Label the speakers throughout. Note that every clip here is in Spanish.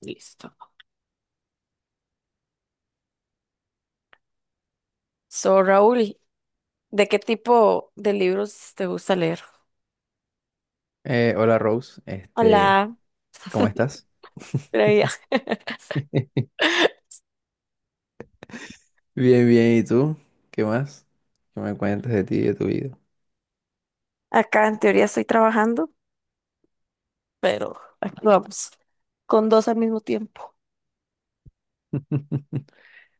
Speaker 1: Listo. So, Raúl, ¿de qué tipo de libros te gusta leer?
Speaker 2: Hola Rose,
Speaker 1: Hola.
Speaker 2: ¿cómo estás?
Speaker 1: Previa.
Speaker 2: Bien, bien, ¿y tú? ¿Qué más? ¿Qué me cuentas de ti y de tu vida?
Speaker 1: Acá en teoría estoy trabajando, pero aquí vamos, con dos al mismo tiempo.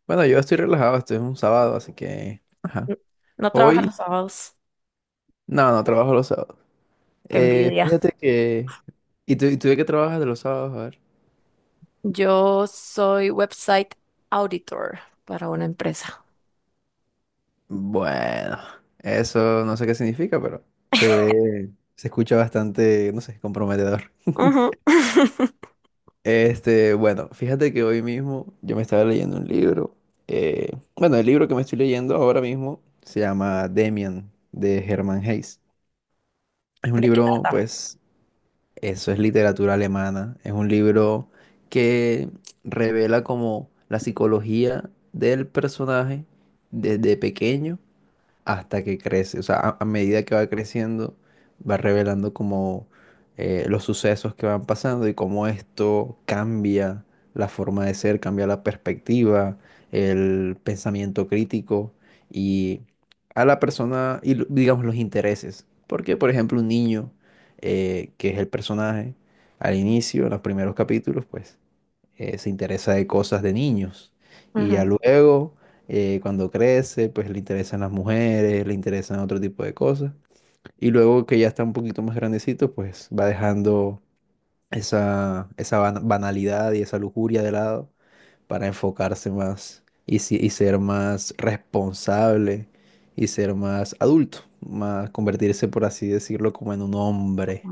Speaker 2: Bueno, yo estoy relajado, esto es un sábado, así que. Ajá.
Speaker 1: N- No trabaja
Speaker 2: Hoy.
Speaker 1: los sábados,
Speaker 2: No, no trabajo los sábados.
Speaker 1: qué envidia.
Speaker 2: Fíjate que. ¿Y tú de qué trabajas de los sábados? A ver.
Speaker 1: Yo soy website auditor para una empresa.
Speaker 2: Bueno, eso no sé qué significa, pero se ve, se escucha bastante, no sé, comprometedor.
Speaker 1: Ujú.
Speaker 2: Bueno, fíjate que hoy mismo yo me estaba leyendo un libro. Bueno, el libro que me estoy leyendo ahora mismo se llama Demian, de Hermann Hesse. Es un
Speaker 1: ¿De qué
Speaker 2: libro,
Speaker 1: trata?
Speaker 2: pues, eso es literatura alemana. Es un libro que revela como la psicología del personaje desde pequeño hasta que crece. O sea, a medida que va creciendo, va revelando como los sucesos que van pasando y cómo esto cambia la forma de ser, cambia la perspectiva, el pensamiento crítico y a la persona y digamos los intereses. Porque, por ejemplo, un niño que es el personaje al inicio, en los primeros capítulos, pues se interesa de cosas de niños. Y ya
Speaker 1: Ujú.
Speaker 2: luego, cuando crece, pues le interesan las mujeres, le interesan otro tipo de cosas. Y luego que ya está un poquito más grandecito, pues va dejando esa banalidad y esa lujuria de lado para enfocarse más y, si- y ser más responsable y ser más adulto, más convertirse, por así decirlo, como en un hombre.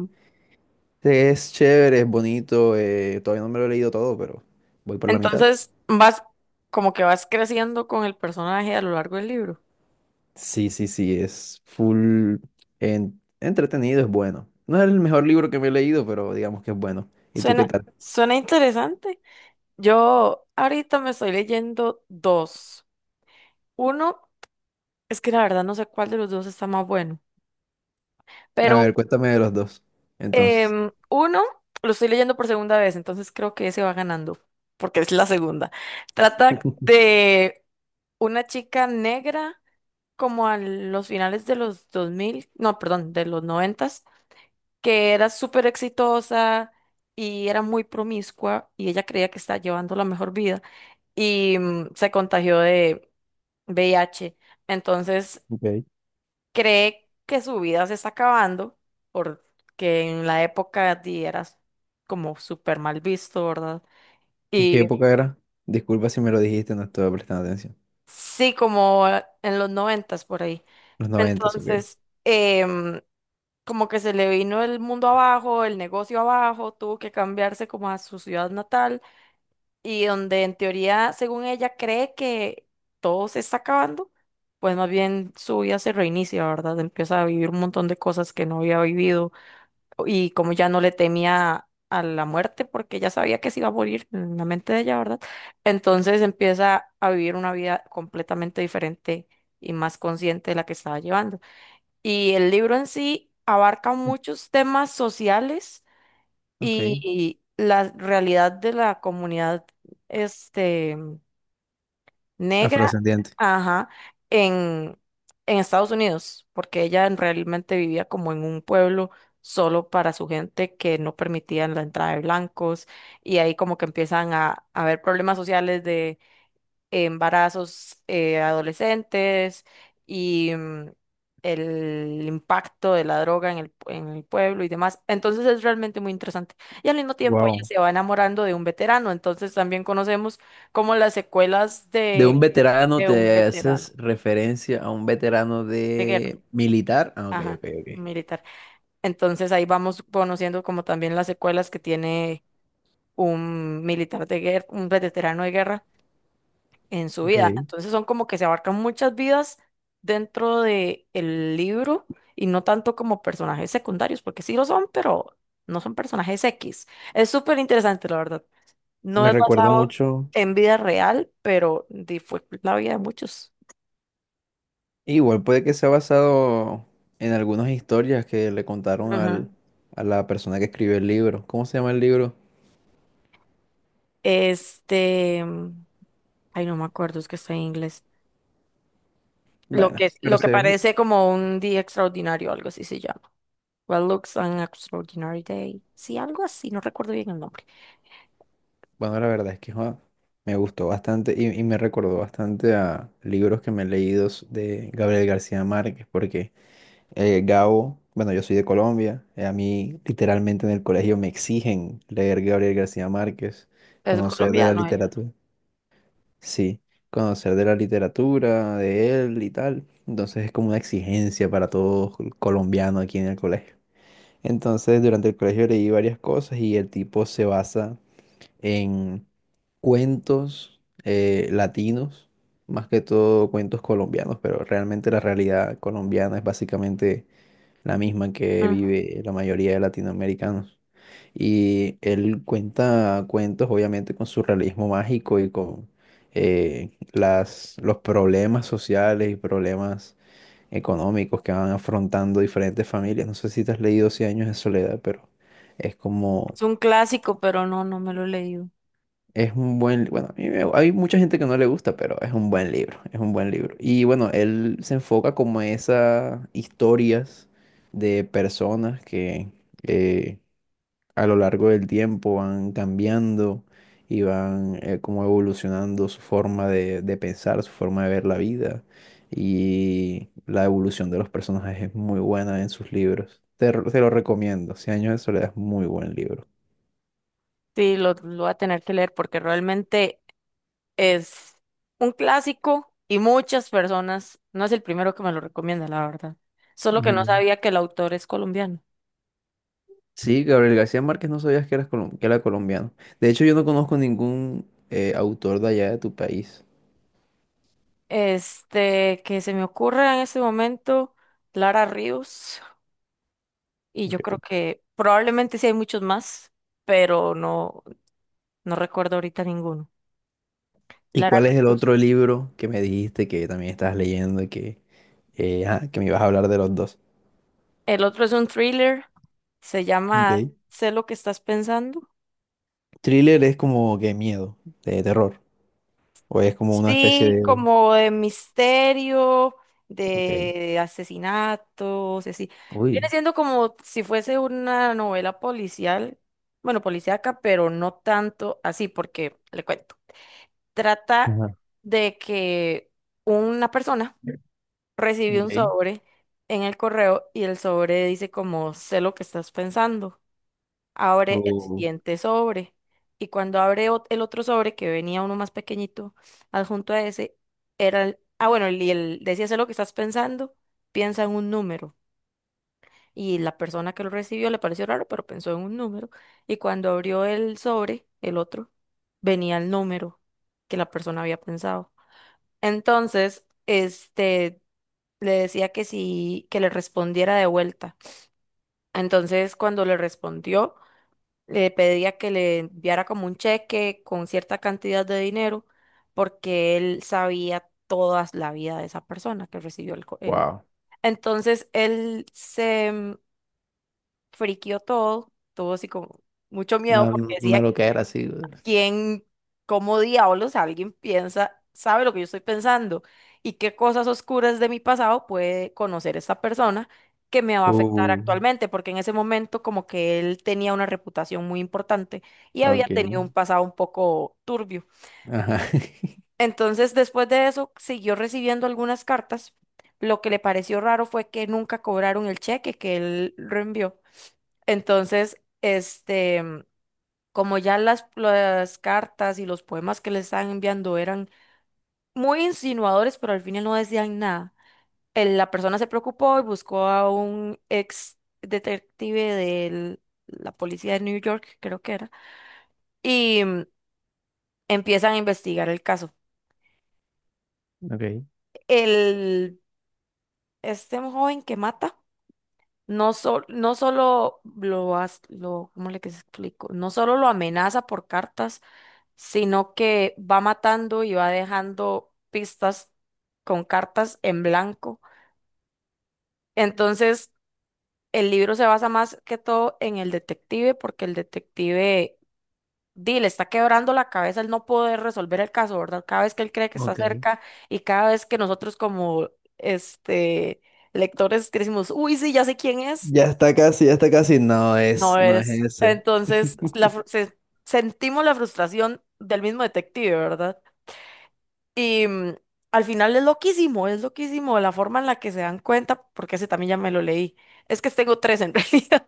Speaker 2: Sí, es chévere, es bonito, todavía no me lo he leído todo, pero voy por la mitad.
Speaker 1: Entonces, vas como que vas creciendo con el personaje a lo largo del libro.
Speaker 2: Sí, sí, sí, es full entretenido, es bueno. No es el mejor libro que me he leído, pero digamos que es bueno. ¿Y tú qué
Speaker 1: Suena,
Speaker 2: tal?
Speaker 1: suena interesante. Yo ahorita me estoy leyendo dos. Uno, es que la verdad no sé cuál de los dos está más bueno,
Speaker 2: A
Speaker 1: pero
Speaker 2: ver, cuéntame de los dos, entonces.
Speaker 1: uno lo estoy leyendo por segunda vez, entonces creo que ese va ganando, porque es la segunda. Trata de una chica negra como a los finales de los 2000, no, perdón, de los noventas, que era súper exitosa y era muy promiscua y ella creía que estaba llevando la mejor vida y se contagió de VIH. Entonces,
Speaker 2: Ok.
Speaker 1: cree que su vida se está acabando porque en la época era como súper mal visto, ¿verdad?
Speaker 2: ¿Y qué
Speaker 1: Y
Speaker 2: época era? Disculpa si me lo dijiste, no estuve prestando atención.
Speaker 1: sí, como en los noventas por ahí.
Speaker 2: Los noventas, ok.
Speaker 1: Entonces, como que se le vino el mundo abajo, el negocio abajo, tuvo que cambiarse como a su ciudad natal y donde en teoría, según ella, cree que todo se está acabando, pues más bien su vida se reinicia, ¿verdad? Empieza a vivir un montón de cosas que no había vivido y como ya no le temía a la muerte porque ya sabía que se iba a morir en la mente de ella, ¿verdad? Entonces empieza a vivir una vida completamente diferente y más consciente de la que estaba llevando. Y el libro en sí abarca muchos temas sociales
Speaker 2: Ok.
Speaker 1: y la realidad de la comunidad este, negra,
Speaker 2: Afrodescendiente.
Speaker 1: ajá, en, en Estados Unidos, porque ella realmente vivía como en un pueblo solo para su gente que no permitían la entrada de blancos y ahí como que empiezan a haber problemas sociales, embarazos, adolescentes, y el impacto de la droga en el pueblo y demás. Entonces es realmente muy interesante. Y al mismo tiempo ella
Speaker 2: Wow.
Speaker 1: se va enamorando de un veterano, entonces también conocemos como las secuelas
Speaker 2: De
Speaker 1: de,
Speaker 2: un veterano
Speaker 1: de un
Speaker 2: te
Speaker 1: veterano
Speaker 2: haces referencia a un veterano
Speaker 1: de guerra,
Speaker 2: de militar. Ah, ok,
Speaker 1: ajá,
Speaker 2: ok, ok.
Speaker 1: un militar. Entonces ahí vamos conociendo como también las secuelas que tiene un militar de guerra, un veterano de guerra en su vida.
Speaker 2: Ok.
Speaker 1: Entonces son como que se abarcan muchas vidas dentro de el libro, y no tanto como personajes secundarios, porque sí lo son, pero no son personajes X. Es súper interesante, la verdad. No
Speaker 2: Me
Speaker 1: es
Speaker 2: recuerdo
Speaker 1: basado
Speaker 2: mucho.
Speaker 1: en vida real, pero fue la vida de muchos.
Speaker 2: Igual puede que sea basado en algunas historias que le contaron
Speaker 1: Ujú.
Speaker 2: a la persona que escribió el libro. ¿Cómo se llama el libro?
Speaker 1: Este, mm, Ay, no me acuerdo, es que está en inglés. Lo
Speaker 2: Bueno,
Speaker 1: que,
Speaker 2: pero
Speaker 1: lo que
Speaker 2: se ve-
Speaker 1: parece como un día extraordinario, algo así se llama. What looks an extraordinary day. Sí, algo así, no recuerdo bien el nombre.
Speaker 2: Bueno, la verdad es que joa, me gustó bastante y me recordó bastante a libros que me he leído de Gabriel García Márquez, porque Gabo, bueno, yo soy de Colombia, a mí literalmente en el colegio me exigen leer Gabriel García Márquez,
Speaker 1: Es
Speaker 2: conocer de la
Speaker 1: colombiano él.
Speaker 2: literatura. Sí, conocer de la literatura, de él y tal. Entonces es como una exigencia para todo colombiano aquí en el colegio. Entonces durante el colegio leí varias cosas y el tipo se basa en cuentos latinos, más que todo cuentos colombianos, pero realmente la realidad colombiana es básicamente la misma que
Speaker 1: Ujú.
Speaker 2: vive la mayoría de latinoamericanos. Y él cuenta cuentos, obviamente, con su realismo mágico y con los problemas sociales y problemas económicos que van afrontando diferentes familias. No sé si te has leído Cien años de soledad, pero es como,
Speaker 1: Es un clásico, pero no, no me lo he leído.
Speaker 2: es un buen, bueno, a mí me- hay mucha gente que no le gusta, pero es un buen libro, es un buen libro. Y bueno, él se enfoca como a esas historias de personas que... eh, a lo largo del tiempo van cambiando y van como evolucionando su forma de pensar, su forma de ver la vida. Y la evolución de los personajes es muy buena en sus libros. Te lo recomiendo. Cien años de soledad es muy buen libro.
Speaker 1: Sí, lo voy a tener que leer porque realmente es un clásico y muchas personas, no es el primero que me lo recomienda, la verdad. Solo que no
Speaker 2: Mm.
Speaker 1: sabía que el autor es colombiano.
Speaker 2: Sí, Gabriel García Márquez, no sabías que era colombiano. De hecho, yo no conozco ningún autor de allá de tu país.
Speaker 1: Que se me ocurre en ese momento, Lara Ríos, y
Speaker 2: Ok.
Speaker 1: yo creo que probablemente sí hay muchos más, pero no, no recuerdo ahorita ninguno.
Speaker 2: ¿Y
Speaker 1: Lara
Speaker 2: cuál es el
Speaker 1: Ríos.
Speaker 2: otro libro que me dijiste que también estás leyendo y que me ibas a hablar de los dos?
Speaker 1: El otro es un thriller, se
Speaker 2: Ok.
Speaker 1: llama Sé lo que estás pensando.
Speaker 2: Thriller es como que miedo, de terror. O es como una especie
Speaker 1: Sí,
Speaker 2: de.
Speaker 1: como de misterio,
Speaker 2: Ok.
Speaker 1: de asesinatos, así. Viene
Speaker 2: Uy.
Speaker 1: siendo como si fuese una novela policial, bueno, policíaca, pero no tanto así, porque le cuento. Trata
Speaker 2: Ajá.
Speaker 1: de que una persona recibió un
Speaker 2: Ok.
Speaker 1: sobre en el correo, y el sobre dice como, sé lo que estás pensando, abre el
Speaker 2: Uh,
Speaker 1: siguiente sobre. Y cuando abre el otro sobre, que venía uno más pequeñito, adjunto a ese, era el, bueno, y él decía, sé lo que estás pensando, piensa en un número. Y la persona que lo recibió le pareció raro, pero pensó en un número. Y cuando abrió el sobre, el otro, venía el número que la persona había pensado. Entonces, este, le decía que sí, que le respondiera de vuelta. Entonces, cuando le respondió, le pedía que le enviara como un cheque con cierta cantidad de dinero, porque él sabía toda la vida de esa persona que recibió el, co- el-
Speaker 2: wow.
Speaker 1: Entonces él se friquió todo, tuvo así como mucho miedo,
Speaker 2: Una,
Speaker 1: porque
Speaker 2: una
Speaker 1: decía
Speaker 2: loquera así. Güey.
Speaker 1: quién, cómo diablos alguien piensa, sabe lo que yo estoy pensando, y qué cosas oscuras de mi pasado puede conocer esta persona que me va a afectar
Speaker 2: Uh,
Speaker 1: actualmente, porque en ese momento como que él tenía una reputación muy importante y había
Speaker 2: ok.
Speaker 1: tenido un pasado un poco turbio.
Speaker 2: Ajá.
Speaker 1: Entonces, después de eso, siguió recibiendo algunas cartas. Lo que le pareció raro fue que nunca cobraron el cheque que él reenvió. Entonces, como ya las cartas y los poemas que le estaban enviando eran muy insinuadores, pero al final no decían nada. La persona se preocupó y buscó a un ex detective de la policía de New York, creo que era, y empiezan a investigar el caso.
Speaker 2: Ok.
Speaker 1: El, este joven que mata. No, no solo lo, lo, ¿cómo le que se explico? No solo lo amenaza por cartas, sino que va matando y va dejando pistas con cartas en blanco. Entonces, el libro se basa más que todo en el detective, porque el detective, di, le está quebrando la cabeza el no poder resolver el caso, ¿verdad? Cada vez que él cree que está
Speaker 2: Ok.
Speaker 1: cerca, y cada vez que nosotros como, este, lectores, que decimos, uy, sí, ya sé quién es,
Speaker 2: Ya está casi, ya está casi. No es,
Speaker 1: no
Speaker 2: no es
Speaker 1: es.
Speaker 2: ese.
Speaker 1: Entonces, sentimos la frustración del mismo detective, ¿verdad? Y al final es loquísimo la forma en la que se dan cuenta, porque ese también ya me lo leí. Es que tengo tres en realidad.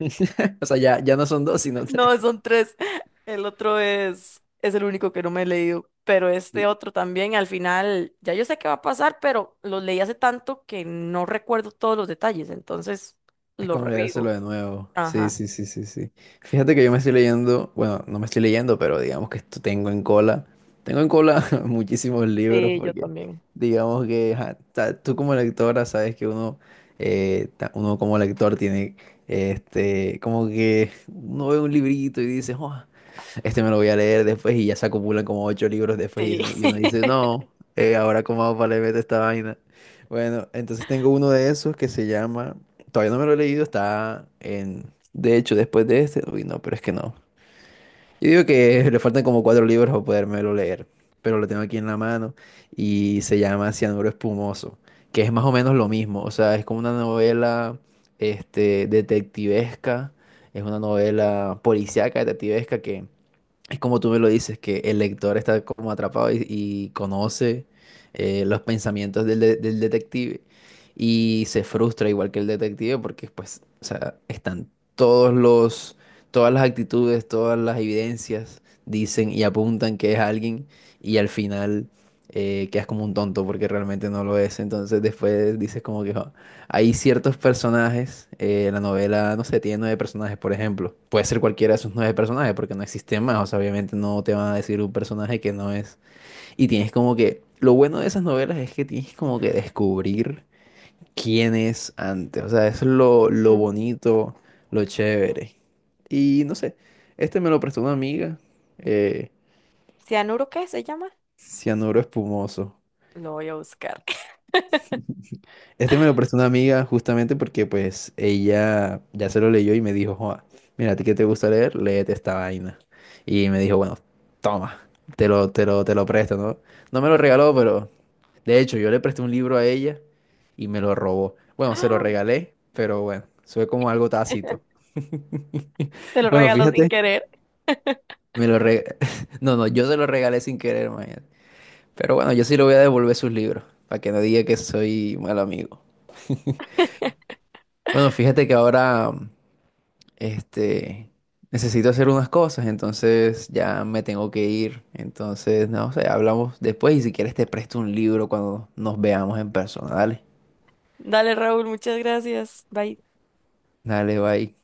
Speaker 2: O sea, ya, ya no son dos, sino tres.
Speaker 1: No, son tres. El otro es el único que no me he leído. Pero este otro también, al final, ya yo sé qué va a pasar, pero lo leí hace tanto que no recuerdo todos los detalles, entonces
Speaker 2: Es
Speaker 1: lo
Speaker 2: como leérselo
Speaker 1: revivo.
Speaker 2: de nuevo. Sí,
Speaker 1: Ajá.
Speaker 2: sí, sí, sí, sí. Fíjate que yo me estoy leyendo, bueno, no me estoy leyendo, pero digamos que esto tengo en cola. Tengo en cola muchísimos libros
Speaker 1: Sí, yo
Speaker 2: porque
Speaker 1: también.
Speaker 2: digamos que ajá, tú como lectora sabes que uno, uno como lector tiene, como que uno ve un librito y dice, "Oh, este me lo voy a leer después y ya se acumulan como ocho libros después y
Speaker 1: Sí.
Speaker 2: y uno dice, no, ahora cómo hago para leer esta vaina. Bueno, entonces tengo uno de esos que se llama, todavía no me lo he leído, está en, de hecho, después de este, uy, no, pero es que no. Yo digo que le faltan como cuatro libros para podérmelo leer, pero lo tengo aquí en la mano y se llama Cianuro Espumoso, que es más o menos lo mismo, o sea, es como una novela, detectivesca, es una novela policíaca, detectivesca que es como tú me lo dices, que el lector está como atrapado y conoce los pensamientos del detective y se frustra igual que el detective porque pues, o sea, están todos los, todas las actitudes, todas las evidencias dicen y apuntan que es alguien y al final quedas como un tonto porque realmente no lo es. Entonces después dices como que, "Jo, hay ciertos personajes, la novela, no sé, tiene nueve personajes, por ejemplo. Puede ser cualquiera de esos nueve personajes, porque no existen más. O sea, obviamente no te van a decir un personaje que no es. Y tienes como que. Lo bueno de esas novelas es que tienes como que descubrir quién es antes. O sea, eso es lo
Speaker 1: Ujú.
Speaker 2: bonito, lo chévere. Y no sé, este me lo prestó una amiga, eh,
Speaker 1: ¿Cianuro qué se llama?
Speaker 2: Cianuro Espumoso.
Speaker 1: Lo voy a buscar.
Speaker 2: Este me lo prestó una amiga justamente porque pues ella ya se lo leyó y me dijo, Joa, mira, a ti que te gusta leer, léete esta vaina. Y me dijo, bueno, toma, te lo presto, ¿no? No me lo regaló, pero de hecho yo le presté un libro a ella y me lo robó. Bueno, se lo
Speaker 1: ¡Ah!
Speaker 2: regalé, pero bueno, eso fue como algo tácito.
Speaker 1: Te lo
Speaker 2: Bueno,
Speaker 1: regalo sin
Speaker 2: fíjate,
Speaker 1: querer.
Speaker 2: me lo re- No, no, yo se lo regalé sin querer, imagínate. Pero bueno, yo sí le voy a devolver sus libros, para que no diga que soy mal amigo. Bueno, fíjate que ahora... este, necesito hacer unas cosas, entonces ya me tengo que ir. Entonces, no sé, hablamos después y si quieres te presto un libro cuando nos veamos en persona. Dale,
Speaker 1: Dale, Raúl, muchas gracias. Bye.
Speaker 2: dale, bye.